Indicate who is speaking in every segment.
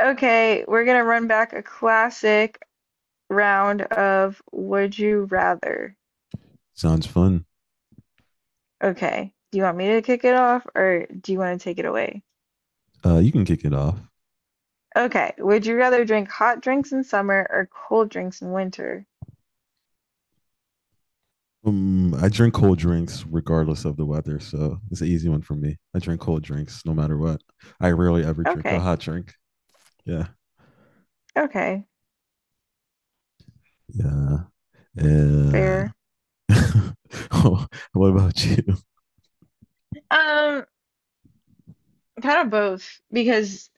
Speaker 1: Okay, we're gonna run back a classic round of Would You Rather.
Speaker 2: Sounds fun.
Speaker 1: Okay, do you want me to kick it off or do you want to take it away?
Speaker 2: You can kick it off.
Speaker 1: Okay, would you rather drink hot drinks in summer or cold drinks in winter?
Speaker 2: I drink cold drinks regardless of the weather, so it's an easy one for me. I drink cold drinks no matter what. I rarely ever drink a
Speaker 1: Okay,
Speaker 2: hot drink. Yeah,
Speaker 1: okay,
Speaker 2: yeah, yeah.
Speaker 1: fair.
Speaker 2: Oh, what about you?
Speaker 1: Um, Kind of both because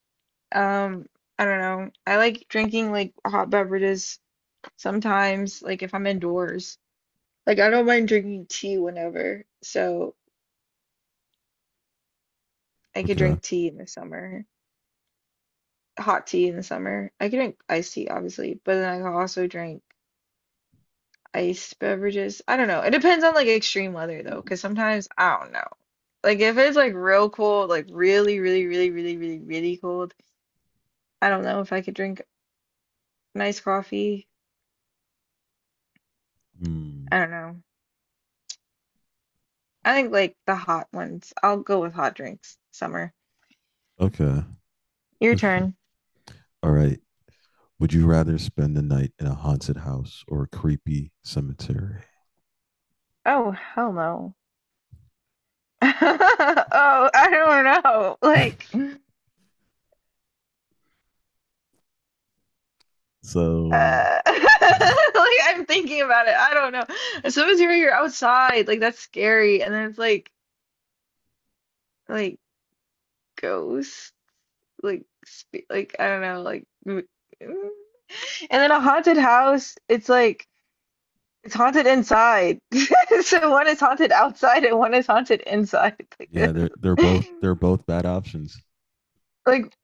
Speaker 1: um, I don't know. I like drinking like hot beverages sometimes, like if I'm indoors. Like I don't mind drinking tea whenever. So I could
Speaker 2: Okay.
Speaker 1: drink tea in the summer, hot tea in the summer. I could drink iced tea, obviously, but then I could also drink iced beverages. I don't know. It depends on like extreme weather though, because sometimes I don't know. Like if it's like real cold, like really, really, really, really, really, really cold, I don't know if I could drink nice coffee.
Speaker 2: Hmm.
Speaker 1: I don't know. I think like the hot ones. I'll go with hot drinks. Summer.
Speaker 2: Okay.
Speaker 1: Your
Speaker 2: It's
Speaker 1: turn.
Speaker 2: All right. Would you rather spend the night in a haunted house or a creepy cemetery?
Speaker 1: Oh, hell no. Oh, I don't know. Like
Speaker 2: So
Speaker 1: like I'm thinking about it. I don't know. Sometimes you're outside, like that's scary, and then it's like ghosts, like like I don't know, like mm. and then a haunted house. It's like it's haunted inside. So one is haunted outside, and one is haunted inside.
Speaker 2: yeah, they're they're
Speaker 1: Like,
Speaker 2: both they're both bad options.
Speaker 1: like,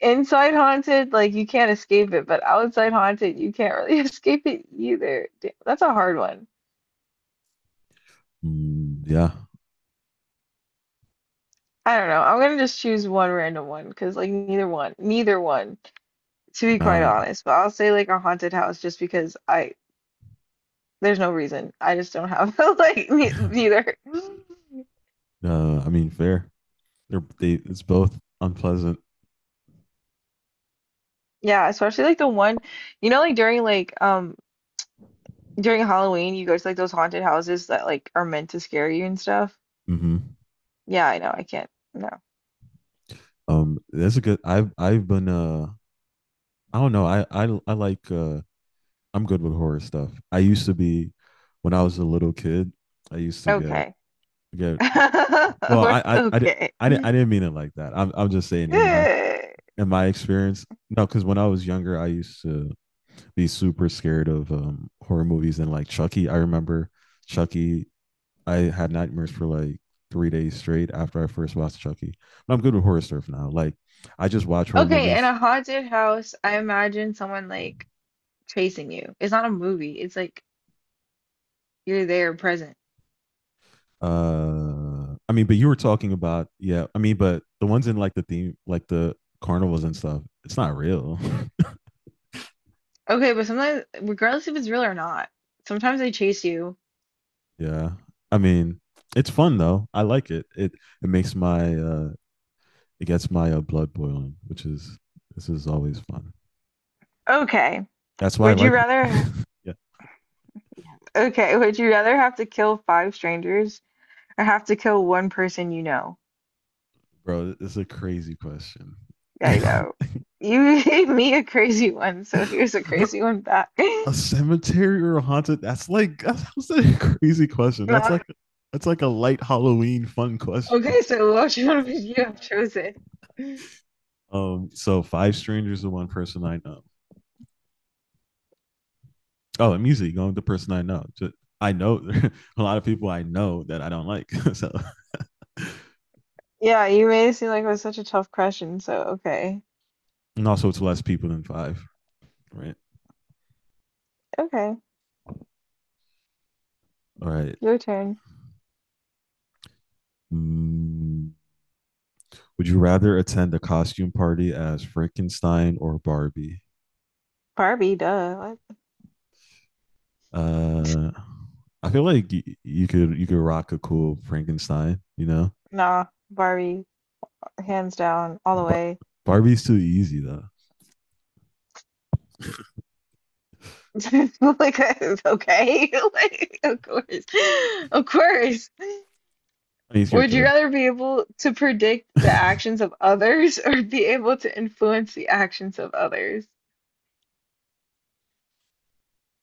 Speaker 1: inside haunted, like you can't escape it, but outside haunted, you can't really escape it either. Damn, that's a hard one.
Speaker 2: Mm, yeah,
Speaker 1: I don't know. I'm gonna just choose one random one because like neither one, neither one, to be quite
Speaker 2: not.
Speaker 1: honest. But I'll say like a haunted house just because I there's no reason. I just don't have like ne neither.
Speaker 2: I mean, fair. They're they. It's both unpleasant.
Speaker 1: Yeah, especially like the one, like during Halloween, you go to like those haunted houses that like are meant to scare you and stuff.
Speaker 2: Hmm.
Speaker 1: Yeah, I know. I can't. No.
Speaker 2: That's a good. I've been I don't know. I like. I'm good with horror stuff. I used to be, when I was a little kid, I used to
Speaker 1: Okay.
Speaker 2: get. Well,
Speaker 1: Okay.
Speaker 2: I didn't mean it like that. I'm just saying in my experience. No, because when I was younger, I used to be super scared of horror movies and like Chucky. I remember Chucky. I had nightmares for like 3 days straight after I first watched Chucky. But I'm good with horror stuff now. Like I just watch horror
Speaker 1: Okay, in
Speaker 2: movies.
Speaker 1: a haunted house, I imagine someone like chasing you. It's not a movie. It's like you're there present.
Speaker 2: I mean, but you were talking about yeah. I mean, but the ones in like the theme, like the carnivals and stuff, it's not real.
Speaker 1: Okay, but sometimes, regardless if it's real or not, sometimes they chase you.
Speaker 2: Yeah, I mean, it's fun though. I like it. It makes my it gets my blood boiling, which is this is always fun.
Speaker 1: Okay.
Speaker 2: That's why I
Speaker 1: Would you
Speaker 2: like.
Speaker 1: rather
Speaker 2: Yeah,
Speaker 1: okay, would you rather have to kill five strangers or have to kill one person you know?
Speaker 2: bro, it's a crazy question.
Speaker 1: Yeah, I know. You gave me a crazy one, so here's a
Speaker 2: Bro,
Speaker 1: crazy one back.
Speaker 2: a cemetery or a haunted? That's like that's a crazy question.
Speaker 1: Not.
Speaker 2: That's like a light Halloween fun question.
Speaker 1: Okay, so which one would you have chosen?
Speaker 2: So five strangers to one person I know. Oh, I'm usually going with the person I know. Just, I know a lot of people I know that I don't like. So
Speaker 1: Yeah, you made it seem like it was such a tough question, so okay.
Speaker 2: and also it's less people than five, right?
Speaker 1: Okay.
Speaker 2: All right.
Speaker 1: Your turn.
Speaker 2: Mm, would you rather attend a costume party as Frankenstein or Barbie?
Speaker 1: Barbie, duh.
Speaker 2: Uh, I feel like you could rock a cool Frankenstein, you know.
Speaker 1: Nah, Barbie, hands down, all the
Speaker 2: But
Speaker 1: way.
Speaker 2: Barbie's too easy though.
Speaker 1: Like, okay, like, of course, of course.
Speaker 2: I mean, it's your
Speaker 1: Would you
Speaker 2: choice.
Speaker 1: rather be able to predict the actions of others or be able to influence the actions of others?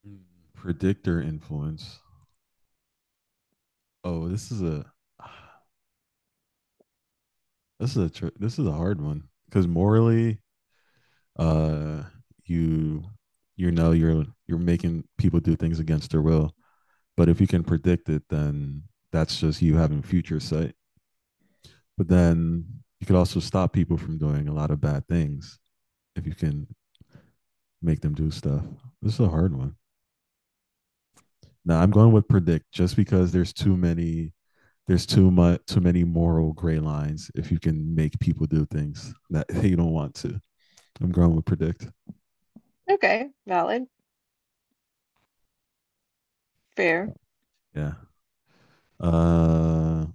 Speaker 2: Mm, predictor influence. Oh, this is a this is a hard one because morally, uh, you know you're you're making people do things against their will. But if you can predict it, then that's just you having future sight. But then you could also stop people from doing a lot of bad things if you can make them do stuff. This is a hard one. Now I'm going with predict just because there's too much too many moral gray lines if you can make people do things that they don't want to. I'm going with predict.
Speaker 1: Okay, valid, fair.
Speaker 2: Yeah. Uh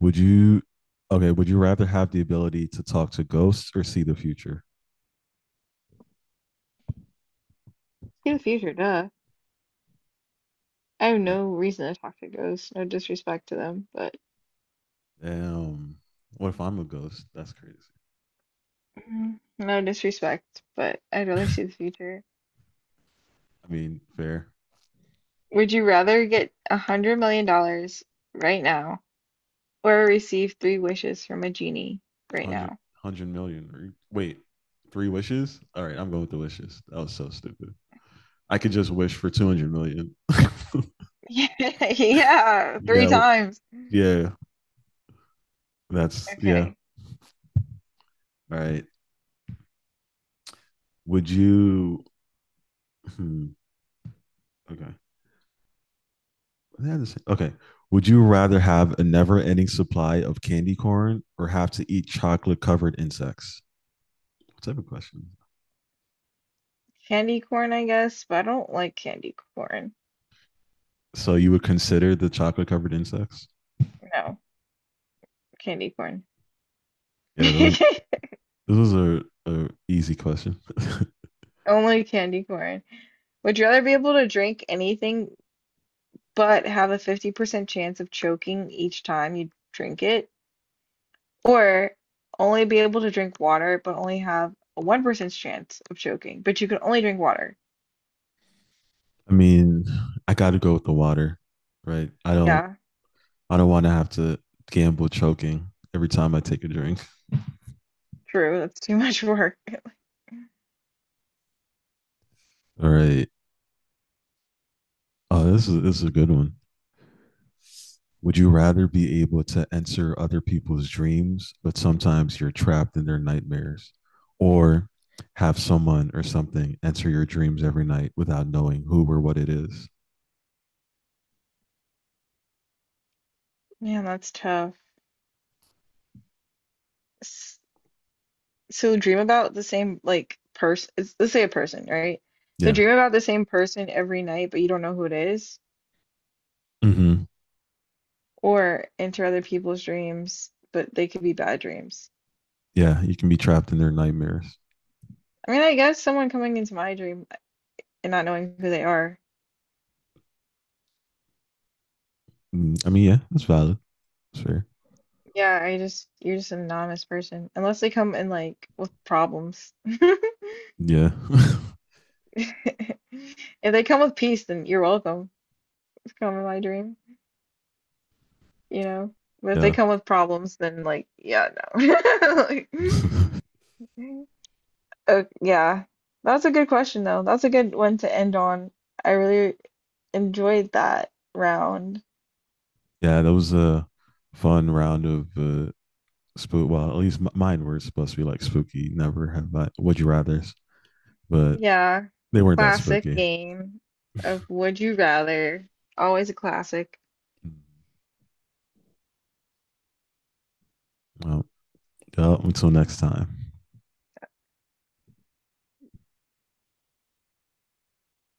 Speaker 2: would you Okay, would you rather have the ability to talk to ghosts or see the future?
Speaker 1: See the future, duh. I have
Speaker 2: Yeah.
Speaker 1: no reason to talk to ghosts. No disrespect to them, but
Speaker 2: Damn. What if I'm a ghost? That's crazy.
Speaker 1: No disrespect, but I'd rather see the future.
Speaker 2: I mean, fair.
Speaker 1: Would you rather get $100 million right now? Or receive three wishes from a genie right now.
Speaker 2: 100, wait, three wishes? All right, I'm going with the wishes. That was so stupid. I could just wish for 200 million.
Speaker 1: Yeah, three
Speaker 2: Yeah,
Speaker 1: times.
Speaker 2: yeah, yeah.
Speaker 1: Okay.
Speaker 2: All right. Would you, hmm, okay. Okay. Would you rather have a never ending supply of candy corn or have to eat chocolate covered insects? What type of question?
Speaker 1: Candy corn, I guess, but I don't like candy corn.
Speaker 2: So you would consider the chocolate covered insects?
Speaker 1: No, candy corn.
Speaker 2: Yeah, those are a easy question.
Speaker 1: Only candy corn. Would you rather be able to drink anything but have a 50% chance of choking each time you drink it? Or only be able to drink water but only have a 1% chance of choking, but you can only drink water?
Speaker 2: I mean, I got to go with the water, right?
Speaker 1: Yeah,
Speaker 2: I don't want to have to gamble choking every time I take a drink.
Speaker 1: true. That's too much work.
Speaker 2: All right. Oh, this is a good one. Would you rather be able to enter other people's dreams, but sometimes you're trapped in their nightmares, or have someone or something enter your dreams every night without knowing who or what it is?
Speaker 1: Man, that's tough. S- So dream about the same like person. Let's say a person, right? So
Speaker 2: Yeah.
Speaker 1: dream about the same person every night, but you don't know who it is,
Speaker 2: Hmm.
Speaker 1: or enter other people's dreams, but they could be bad dreams.
Speaker 2: Yeah, you can be trapped in their nightmares.
Speaker 1: I mean, I guess someone coming into my dream and not knowing who they are.
Speaker 2: Mm, I mean, yeah, that's valid. That's fair.
Speaker 1: Yeah, I just you're just an anonymous person, unless they come in like with problems.
Speaker 2: Yeah.
Speaker 1: If they come with peace, then you're welcome. Come in my dream, you know. But if they
Speaker 2: Yeah.
Speaker 1: come with problems, then like, yeah, no. Like, Mhm. Yeah, that's a good question, though. That's a good one to end on. I really enjoyed that round.
Speaker 2: Yeah, that was a fun round of spook. Well, at least mine were supposed to be like spooky. Never have I. Would you rather's, but
Speaker 1: Yeah,
Speaker 2: they weren't that
Speaker 1: classic
Speaker 2: spooky.
Speaker 1: game of Would You Rather. Always a classic.
Speaker 2: Well, yeah, until next time.